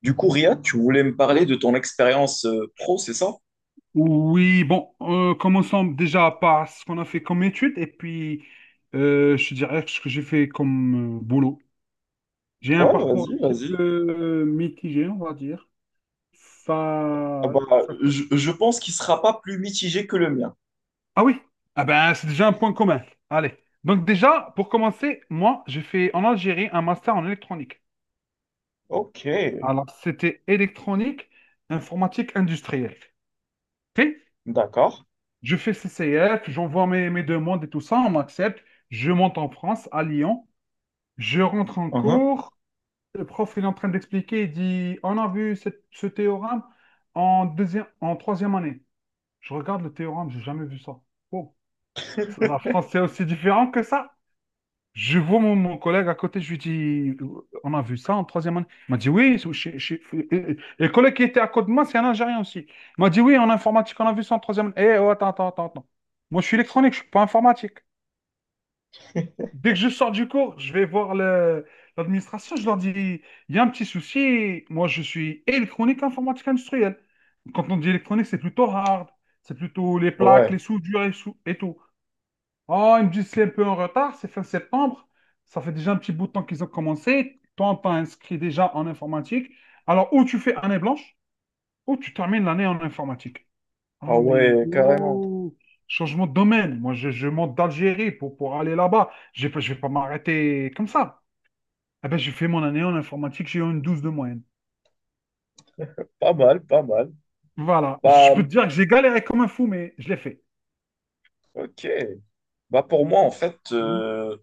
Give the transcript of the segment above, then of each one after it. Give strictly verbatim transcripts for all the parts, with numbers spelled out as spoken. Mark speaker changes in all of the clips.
Speaker 1: Du coup, Riyad, tu voulais me parler
Speaker 2: Oui.
Speaker 1: de ton expérience euh, pro, c'est ça?
Speaker 2: Oui, bon, euh, commençons déjà par ce qu'on a fait comme études et puis euh, je te dirais ce que j'ai fait comme euh, boulot. J'ai un
Speaker 1: Ouais,
Speaker 2: parcours un
Speaker 1: vas-y,
Speaker 2: petit peu
Speaker 1: vas-y.
Speaker 2: euh, mitigé, on va dire.
Speaker 1: Ah
Speaker 2: Ça,
Speaker 1: bah,
Speaker 2: ça-
Speaker 1: je, je pense qu'il sera pas plus mitigé que le mien.
Speaker 2: Ah oui, ah ben, c'est déjà un point commun. Allez. Donc déjà, pour commencer, moi, j'ai fait en Algérie un master en électronique.
Speaker 1: Ok,
Speaker 2: Alors, c'était électronique, informatique industrielle. Ok.
Speaker 1: d'accord.
Speaker 2: Je fais C C F, j'envoie mes, mes demandes et tout ça, on m'accepte. Je monte en France, à Lyon. Je rentre en
Speaker 1: Mhm.
Speaker 2: cours, le prof il est en train d'expliquer, il dit, on a vu cette- ce théorème en deuxième, en troisième année. Je regarde le théorème, j'ai jamais vu ça. Oh, ça, la France c'est aussi différent que ça. Je vois mon, mon collègue à côté, je lui dis, on a vu ça en troisième année. Il m'a dit, oui, c'est- chez- chez- et- et- et le collègue qui était à côté de moi, c'est un Algérien aussi. Il m'a dit, oui, en informatique, on a vu ça en troisième année. Eh, oh, attends, attends, attends, attends. Moi, je suis électronique, je ne suis pas informatique. Dès que je sors du cours, je vais voir le- l'administration, je leur dis, il y a un petit souci, moi je suis électronique informatique industrielle. Quand on dit électronique, c'est plutôt hard, c'est plutôt les plaques,
Speaker 1: Ouais,
Speaker 2: les soudures et, sou- et tout. Oh, ils me disent c'est un peu en retard, c'est fin septembre, ça fait déjà un petit bout de temps qu'ils ont commencé, toi t'as inscrit déjà en informatique, alors ou tu fais année blanche, ou tu termines l'année en informatique.
Speaker 1: ah
Speaker 2: Ah, mais
Speaker 1: ouais, carrément.
Speaker 2: oh, changement de domaine. Moi, je, je monte d'Algérie pour, pour aller là-bas. Je ne je vais pas m'arrêter comme ça. Eh ben, j'ai fait mon année en informatique, j'ai eu une douze de moyenne.
Speaker 1: Pas mal, pas mal.
Speaker 2: Voilà. Je
Speaker 1: Bah,
Speaker 2: peux te dire que j'ai galéré comme un fou, mais je l'ai fait.
Speaker 1: ok. Bah, pour moi, en fait,
Speaker 2: Mhm,
Speaker 1: euh,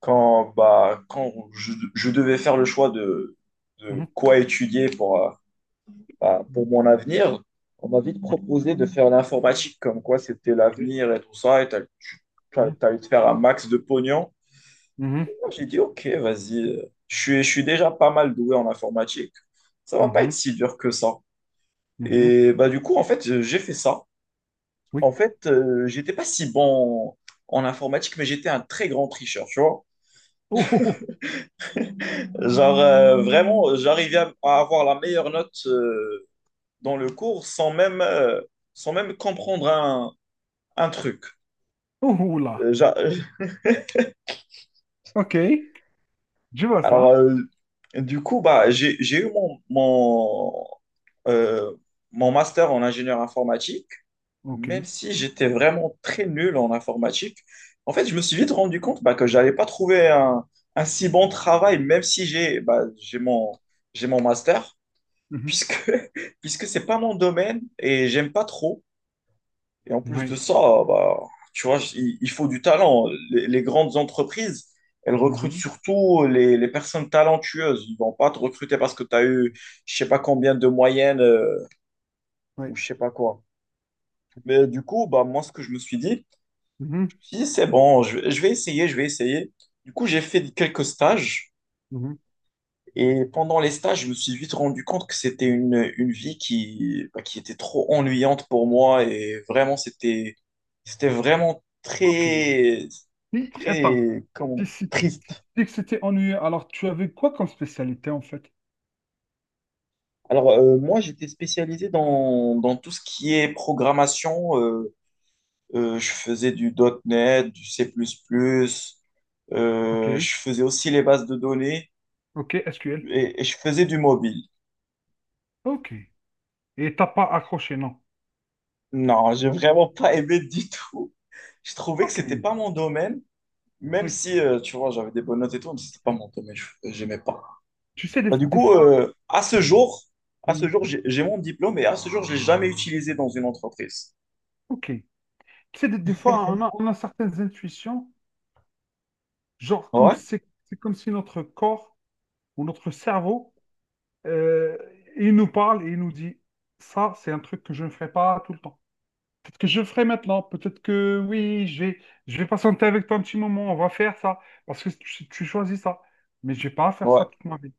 Speaker 1: quand, bah, quand je, je devais faire le choix de, de
Speaker 2: mhm,
Speaker 1: quoi étudier pour, euh, bah, pour
Speaker 2: mhm.
Speaker 1: mon avenir, on m'a vite
Speaker 2: Oui,
Speaker 1: proposé de faire l'informatique, comme quoi c'était
Speaker 2: ok.
Speaker 1: l'avenir et tout ça, et t'allais tu- t'allais-
Speaker 2: Mhm,
Speaker 1: t'allais te faire un max de pognon. Du coup,
Speaker 2: mhm,
Speaker 1: moi, j'ai dit, ok, vas-y, je suis, je suis déjà pas mal doué en informatique. Ça va pas être
Speaker 2: mhm,
Speaker 1: si dur que ça.
Speaker 2: mhm.
Speaker 1: Et bah, du coup, en fait, j'ai fait ça. En
Speaker 2: Oui.
Speaker 1: fait, euh, j'étais pas si bon en informatique, mais j'étais un très grand tricheur, tu vois.
Speaker 2: Oh, oh,
Speaker 1: Genre, euh, vraiment, j'arrivais à, à avoir la meilleure note euh, dans le cours sans même, euh, sans même comprendre un un truc.
Speaker 2: oh, oh, oh là.
Speaker 1: Euh, j'a-
Speaker 2: OK. Je vois
Speaker 1: Alors,
Speaker 2: ça.
Speaker 1: euh, du coup, bah, j'ai, j'ai eu mon, mon, euh, mon master en ingénieur informatique, même
Speaker 2: OK.
Speaker 1: si j'étais vraiment très nul en informatique. En fait, je me suis vite rendu compte bah, que je n'avais pas trouvé un, un si bon travail, même si j'ai bah, j'ai mon, j'ai mon master,
Speaker 2: Mhm.
Speaker 1: puisque, puisque ce n'est pas mon domaine et j'aime pas trop. Et en plus de
Speaker 2: Oui.
Speaker 1: ça, bah, tu vois, il, il faut du talent. Les, les grandes entreprises, elles recrutent
Speaker 2: Mhm,
Speaker 1: surtout les, les personnes talentueuses. Ils vont pas te recruter parce que tu as eu je sais pas combien de moyenne euh, ou
Speaker 2: oui.
Speaker 1: je sais pas quoi. Mais du coup, bah, moi, ce que je me suis dit,
Speaker 2: Mhm,
Speaker 1: je me suis dit, c'est bon, je, je vais essayer, je vais essayer. Du coup, j'ai fait quelques stages.
Speaker 2: mhm.
Speaker 1: Et pendant les stages, je me suis vite rendu compte que c'était une, une vie qui, bah, qui était trop ennuyante pour moi et vraiment, c'était, c'était vraiment
Speaker 2: OK. Et-
Speaker 1: très,
Speaker 2: Attends.
Speaker 1: très,
Speaker 2: Si,
Speaker 1: comment,
Speaker 2: si
Speaker 1: triste.
Speaker 2: dit que c'était ennuyeux. Alors, tu avais quoi comme spécialité en fait?
Speaker 1: Alors, euh, moi, j'étais spécialisé dans, dans tout ce qui est programmation. Euh, euh, je faisais du .N E T, du C++,
Speaker 2: Ok,
Speaker 1: euh, je faisais aussi les bases de données
Speaker 2: ok, S Q L.
Speaker 1: et, et je faisais du mobile.
Speaker 2: Ok. Et t'as pas accroché, non?
Speaker 1: Non, j'ai vraiment pas aimé du tout. Je trouvais que
Speaker 2: Ok.
Speaker 1: c'était pas mon domaine. Même
Speaker 2: Oui.
Speaker 1: si, euh, tu vois, j'avais des bonnes notes et tout, mais c'était pas mon domaine, je- j'aimais pas.
Speaker 2: Tu sais, des,
Speaker 1: Bah, du
Speaker 2: des
Speaker 1: coup,
Speaker 2: fois,
Speaker 1: euh, à ce
Speaker 2: mm,
Speaker 1: jour, à ce
Speaker 2: mm,
Speaker 1: jour, j'ai j'ai mon diplôme et à ce jour, je l'ai jamais utilisé dans une entreprise.
Speaker 2: ok. Tu sais, des, des fois, on a, on a certaines intuitions, genre comme si
Speaker 1: Ouais,
Speaker 2: c'est c'est comme si notre corps ou notre cerveau, euh, il nous parle et il nous dit, ça, c'est un truc que je ne ferai pas tout le temps. Peut-être que je le ferai maintenant. Peut-être que oui, je vais, je vais patienter avec toi un petit moment. On va faire ça. Parce que tu, tu choisis ça. Mais je vais pas faire ça
Speaker 1: ouais,
Speaker 2: toute ma vie.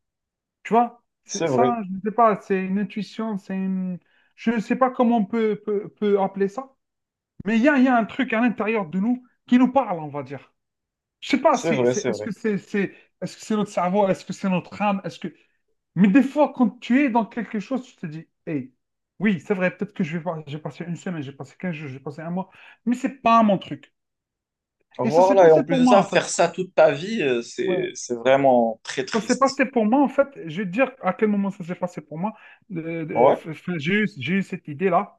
Speaker 2: Tu vois, c'est
Speaker 1: c'est vrai,
Speaker 2: ça, je ne sais pas. C'est une intuition. C'est une- Je ne sais pas comment on peut, peut, peut appeler ça. Mais il y a, il y a un truc à l'intérieur de nous qui nous parle, on va dire. Je sais pas,
Speaker 1: c'est
Speaker 2: c'est,
Speaker 1: vrai,
Speaker 2: c'est,
Speaker 1: c'est
Speaker 2: est-ce
Speaker 1: vrai.
Speaker 2: que c'est, c'est, est-ce que c'est notre cerveau? Est-ce que c'est notre âme? Est-ce que... Mais des fois, quand tu es dans quelque chose, tu te dis, hey, oui, c'est vrai, peut-être que je vais pas- j'ai passé une semaine, j'ai passé quinze jours, j'ai passé un mois, mais c'est pas mon truc. Et ça s'est
Speaker 1: Voilà, et
Speaker 2: passé
Speaker 1: en plus
Speaker 2: pour
Speaker 1: de
Speaker 2: moi,
Speaker 1: ça,
Speaker 2: en fait.
Speaker 1: faire ça toute ta vie, euh,
Speaker 2: Ouais.
Speaker 1: c'est c'est vraiment très
Speaker 2: Ça s'est
Speaker 1: triste.
Speaker 2: passé pour moi, en fait. Je vais te dire à quel moment ça s'est passé pour moi. Euh, euh,
Speaker 1: Ouais.
Speaker 2: f- f- j'ai eu, j'ai eu cette idée-là.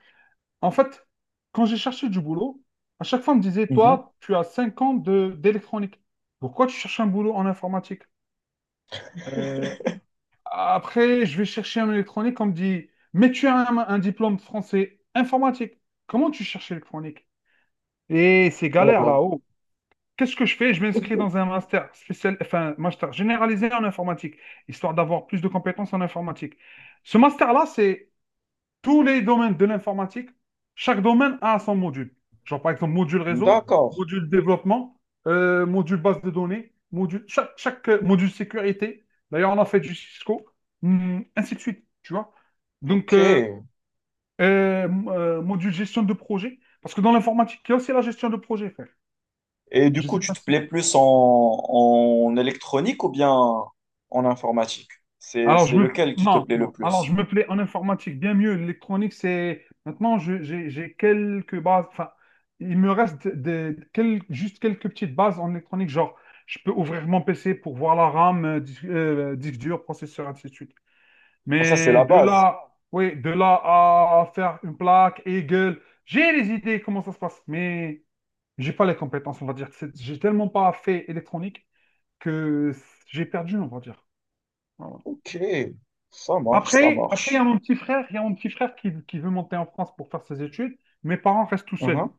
Speaker 2: En fait, quand j'ai cherché du boulot, à chaque fois, on me disait,
Speaker 1: Mhm.
Speaker 2: toi, tu as cinq ans de d'électronique. Pourquoi tu cherches un boulot en informatique? Après, je vais chercher un électronique, on me dit, mais tu as un, un diplôme français informatique. Comment tu cherches électronique? Et c'est galère
Speaker 1: Ouais.
Speaker 2: là-haut. Qu'est-ce que je fais? Je m'inscris dans un master spécial, enfin, master généralisé en informatique, histoire d'avoir plus de compétences en informatique. Ce master-là, c'est tous les domaines de l'informatique, chaque domaine a son module. Genre, par exemple, module réseau,
Speaker 1: D'accord,
Speaker 2: module développement, euh, module base de données, module, chaque, chaque, euh, module sécurité. D'ailleurs, on a fait du Cisco, hum, ainsi de suite, tu vois. Donc,
Speaker 1: ok.
Speaker 2: euh, euh, euh, module gestion de projet, parce que dans l'informatique, il y a aussi la gestion de projet, frère.
Speaker 1: Et du
Speaker 2: Je ne
Speaker 1: coup,
Speaker 2: sais
Speaker 1: tu
Speaker 2: pas
Speaker 1: te
Speaker 2: si.
Speaker 1: plais plus en, en électronique ou bien en informatique? C'est
Speaker 2: Alors, je
Speaker 1: c'est
Speaker 2: me...
Speaker 1: lequel qui te
Speaker 2: Non,
Speaker 1: plaît le
Speaker 2: non. Alors, je
Speaker 1: plus?
Speaker 2: me plais en informatique bien mieux. L'électronique, c'est... Maintenant, je- j'ai j'ai quelques bases. Enfin, il me reste des, quel- juste quelques petites bases en électronique. Genre, je peux ouvrir mon P C pour voir la RAM, euh, dis- euh, disque, dur, processeur, ainsi de suite.
Speaker 1: Ah, ça, c'est
Speaker 2: Mais
Speaker 1: la
Speaker 2: de
Speaker 1: base.
Speaker 2: là, oui, de là à faire une plaque, Eagle, j'ai les idées comment ça se passe, mais j'ai pas les compétences, on va dire. C'est- J'ai tellement pas fait électronique que j'ai perdu, on va dire. Ouais, ouais.
Speaker 1: Ok, ça marche, ça
Speaker 2: Après, après, il y a
Speaker 1: marche.
Speaker 2: mon petit frère, il y a mon petit frère qui, qui veut monter en France pour faire ses études. Mes parents restent tout seuls.
Speaker 1: Mhm.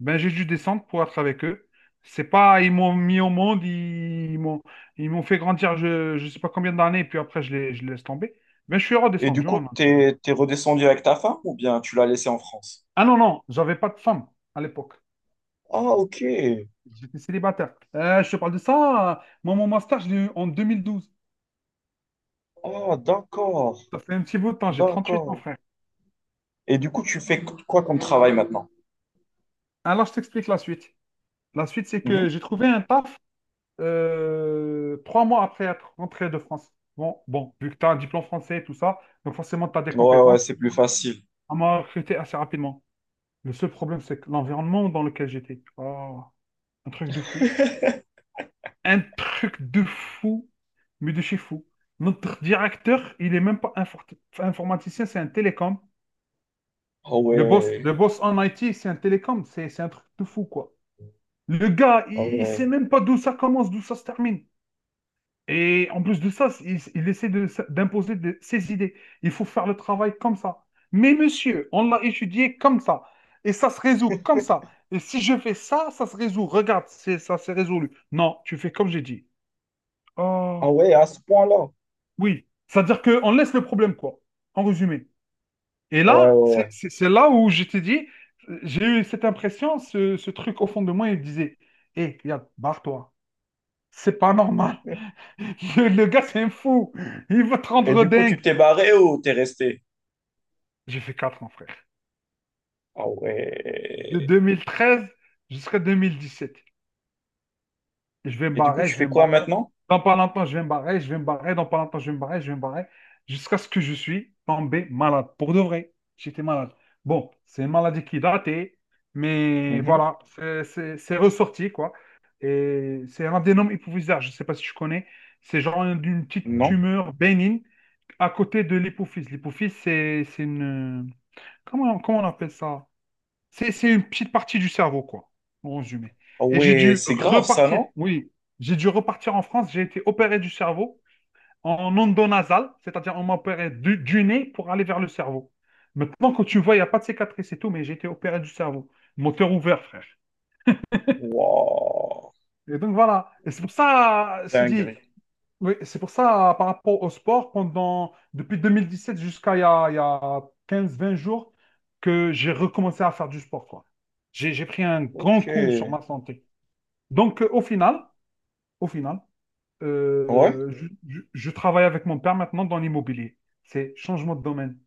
Speaker 2: Ben, j'ai dû descendre pour être avec eux. C'est pas, ils m'ont mis au monde, ils, ils m'ont, ils m'ont fait grandir, je, je sais pas combien d'années, et puis après, je les, je les laisse tomber. Ben, je suis
Speaker 1: Et du
Speaker 2: redescendu
Speaker 1: coup,
Speaker 2: en Algérie.
Speaker 1: t'es, t'es redescendu avec ta femme ou bien tu l'as laissée en France?
Speaker 2: Ah non, non, j'avais pas de femme à l'époque.
Speaker 1: Ah, ok.
Speaker 2: J'étais célibataire. Euh, je te parle de ça, euh, moi, mon master, je l'ai eu en deux mille douze.
Speaker 1: Ah, d'accord,
Speaker 2: Ça fait un petit bout de temps, j'ai trente-huit ans,
Speaker 1: d'accord.
Speaker 2: frère.
Speaker 1: Et du coup, tu fais qu- quoi comme travail maintenant?
Speaker 2: Alors, je t'explique la suite. La suite, c'est
Speaker 1: Mhm.
Speaker 2: que j'ai trouvé un taf euh, trois mois après être rentré de France. Bon, bon, vu que tu as un diplôme français et tout ça, donc forcément, tu as des
Speaker 1: Ouais, ouais,
Speaker 2: compétences.
Speaker 1: c'est plus facile.
Speaker 2: On m'a recruté assez rapidement. Le seul problème, c'est que l'environnement dans lequel j'étais, oh, un truc de fou. Un truc de fou, mais de chez fou. Notre directeur, il est même pas infor- informaticien, c'est un télécom.
Speaker 1: Ah
Speaker 2: Le boss,
Speaker 1: ouais,
Speaker 2: le boss en I T, c'est un télécom. C'est c'est un truc de fou, quoi. Le gars,
Speaker 1: ah
Speaker 2: il, il sait
Speaker 1: ouais.
Speaker 2: même pas d'où ça commence, d'où ça se termine. Et en plus de ça, il, il essaie de- d'imposer de- ses idées. Il faut faire le travail comme ça. Mais monsieur, on l'a étudié comme ça. Et ça se résout comme ça. Et si je fais ça, ça se résout. Regarde, c'est, ça s'est résolu. Non, tu fais comme j'ai dit. Oh,
Speaker 1: Ah ouais, à ce point-là.
Speaker 2: oui. C'est-à-dire qu'on laisse le problème, quoi. En résumé. Et
Speaker 1: Ouais, ouais,
Speaker 2: là, c'est
Speaker 1: ouais.
Speaker 2: c'est- c'est là où je t'ai dit, euh, j'ai eu cette impression, ce, ce truc au fond de moi, il me disait, hé, regarde, barre-toi. C'est pas normal. Le, le gars, c'est un fou. Il va te
Speaker 1: Et
Speaker 2: rendre
Speaker 1: du coup, tu
Speaker 2: dingue.
Speaker 1: t'es barré ou t'es resté?
Speaker 2: J'ai fait quatre ans, frère.
Speaker 1: Ah
Speaker 2: De
Speaker 1: ouais.
Speaker 2: deux mille treize jusqu'à deux mille dix-sept. Je vais me
Speaker 1: Et du coup,
Speaker 2: barrer,
Speaker 1: tu
Speaker 2: je vais
Speaker 1: fais
Speaker 2: me
Speaker 1: quoi
Speaker 2: barrer.
Speaker 1: maintenant?
Speaker 2: Dans pas longtemps, je vais me barrer, je vais me barrer. Dans pas longtemps, je vais me barrer, je vais me barrer. Jusqu'à ce que je suis tombé malade. Pour de vrai, j'étais malade. Bon, c'est une maladie qui est datée, mais
Speaker 1: Mhm.
Speaker 2: voilà, c'est c'est- c'est ressorti, quoi. Et c'est un adénome hypophysaire, je ne sais pas si tu connais. C'est genre une, une petite
Speaker 1: Non?
Speaker 2: tumeur bénigne à côté de l'hypophyse. L'hypophyse, c'est c'est une... Comment, comment on appelle ça? C'est, c'est une petite partie du cerveau, quoi, en résumé.
Speaker 1: Ah
Speaker 2: Et j'ai
Speaker 1: ouais,
Speaker 2: dû
Speaker 1: c'est grave ça,
Speaker 2: repartir,
Speaker 1: non?
Speaker 2: oui, j'ai dû repartir en France, j'ai été opéré du cerveau en endonasal, c'est-à-dire on m'a opéré du, du nez pour aller vers le cerveau. Maintenant, quand tu vois, il n'y a pas de cicatrice et tout, mais j'ai été opéré du cerveau. Moteur ouvert, frère.
Speaker 1: Waouh,
Speaker 2: Et donc voilà. Et c'est pour ça, euh, je dit,
Speaker 1: dingue.
Speaker 2: Oui, c'est pour ça, euh, par rapport au sport, pendant, depuis deux mille dix-sept jusqu'à il y a, il y a quinze vingt jours, que j'ai recommencé à faire du sport, quoi. J'ai, j'ai pris un grand
Speaker 1: Ok.
Speaker 2: coup sur ma santé. Donc, euh, au final, au final,
Speaker 1: Ouais.
Speaker 2: euh, je, je- je travaille avec mon père maintenant dans l'immobilier. C'est changement de domaine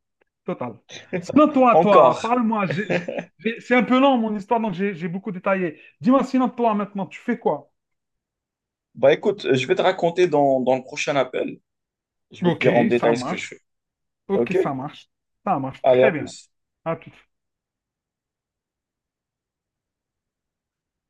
Speaker 2: total. Sinon, toi, toi,
Speaker 1: Encore.
Speaker 2: parle-moi. J'ai- j'ai- j'ai- C'est un peu long, mon histoire, donc j'ai j'ai beaucoup détaillé. Dis-moi, sinon, toi, maintenant, tu fais quoi?
Speaker 1: Bah écoute, je vais te raconter dans, dans le prochain appel. Je vais te
Speaker 2: Ok,
Speaker 1: dire en
Speaker 2: ça
Speaker 1: détail ce que je
Speaker 2: marche.
Speaker 1: fais.
Speaker 2: Ok,
Speaker 1: Ok?
Speaker 2: ça marche. Ça marche
Speaker 1: Allez, à
Speaker 2: très bien.
Speaker 1: plus.
Speaker 2: À toute.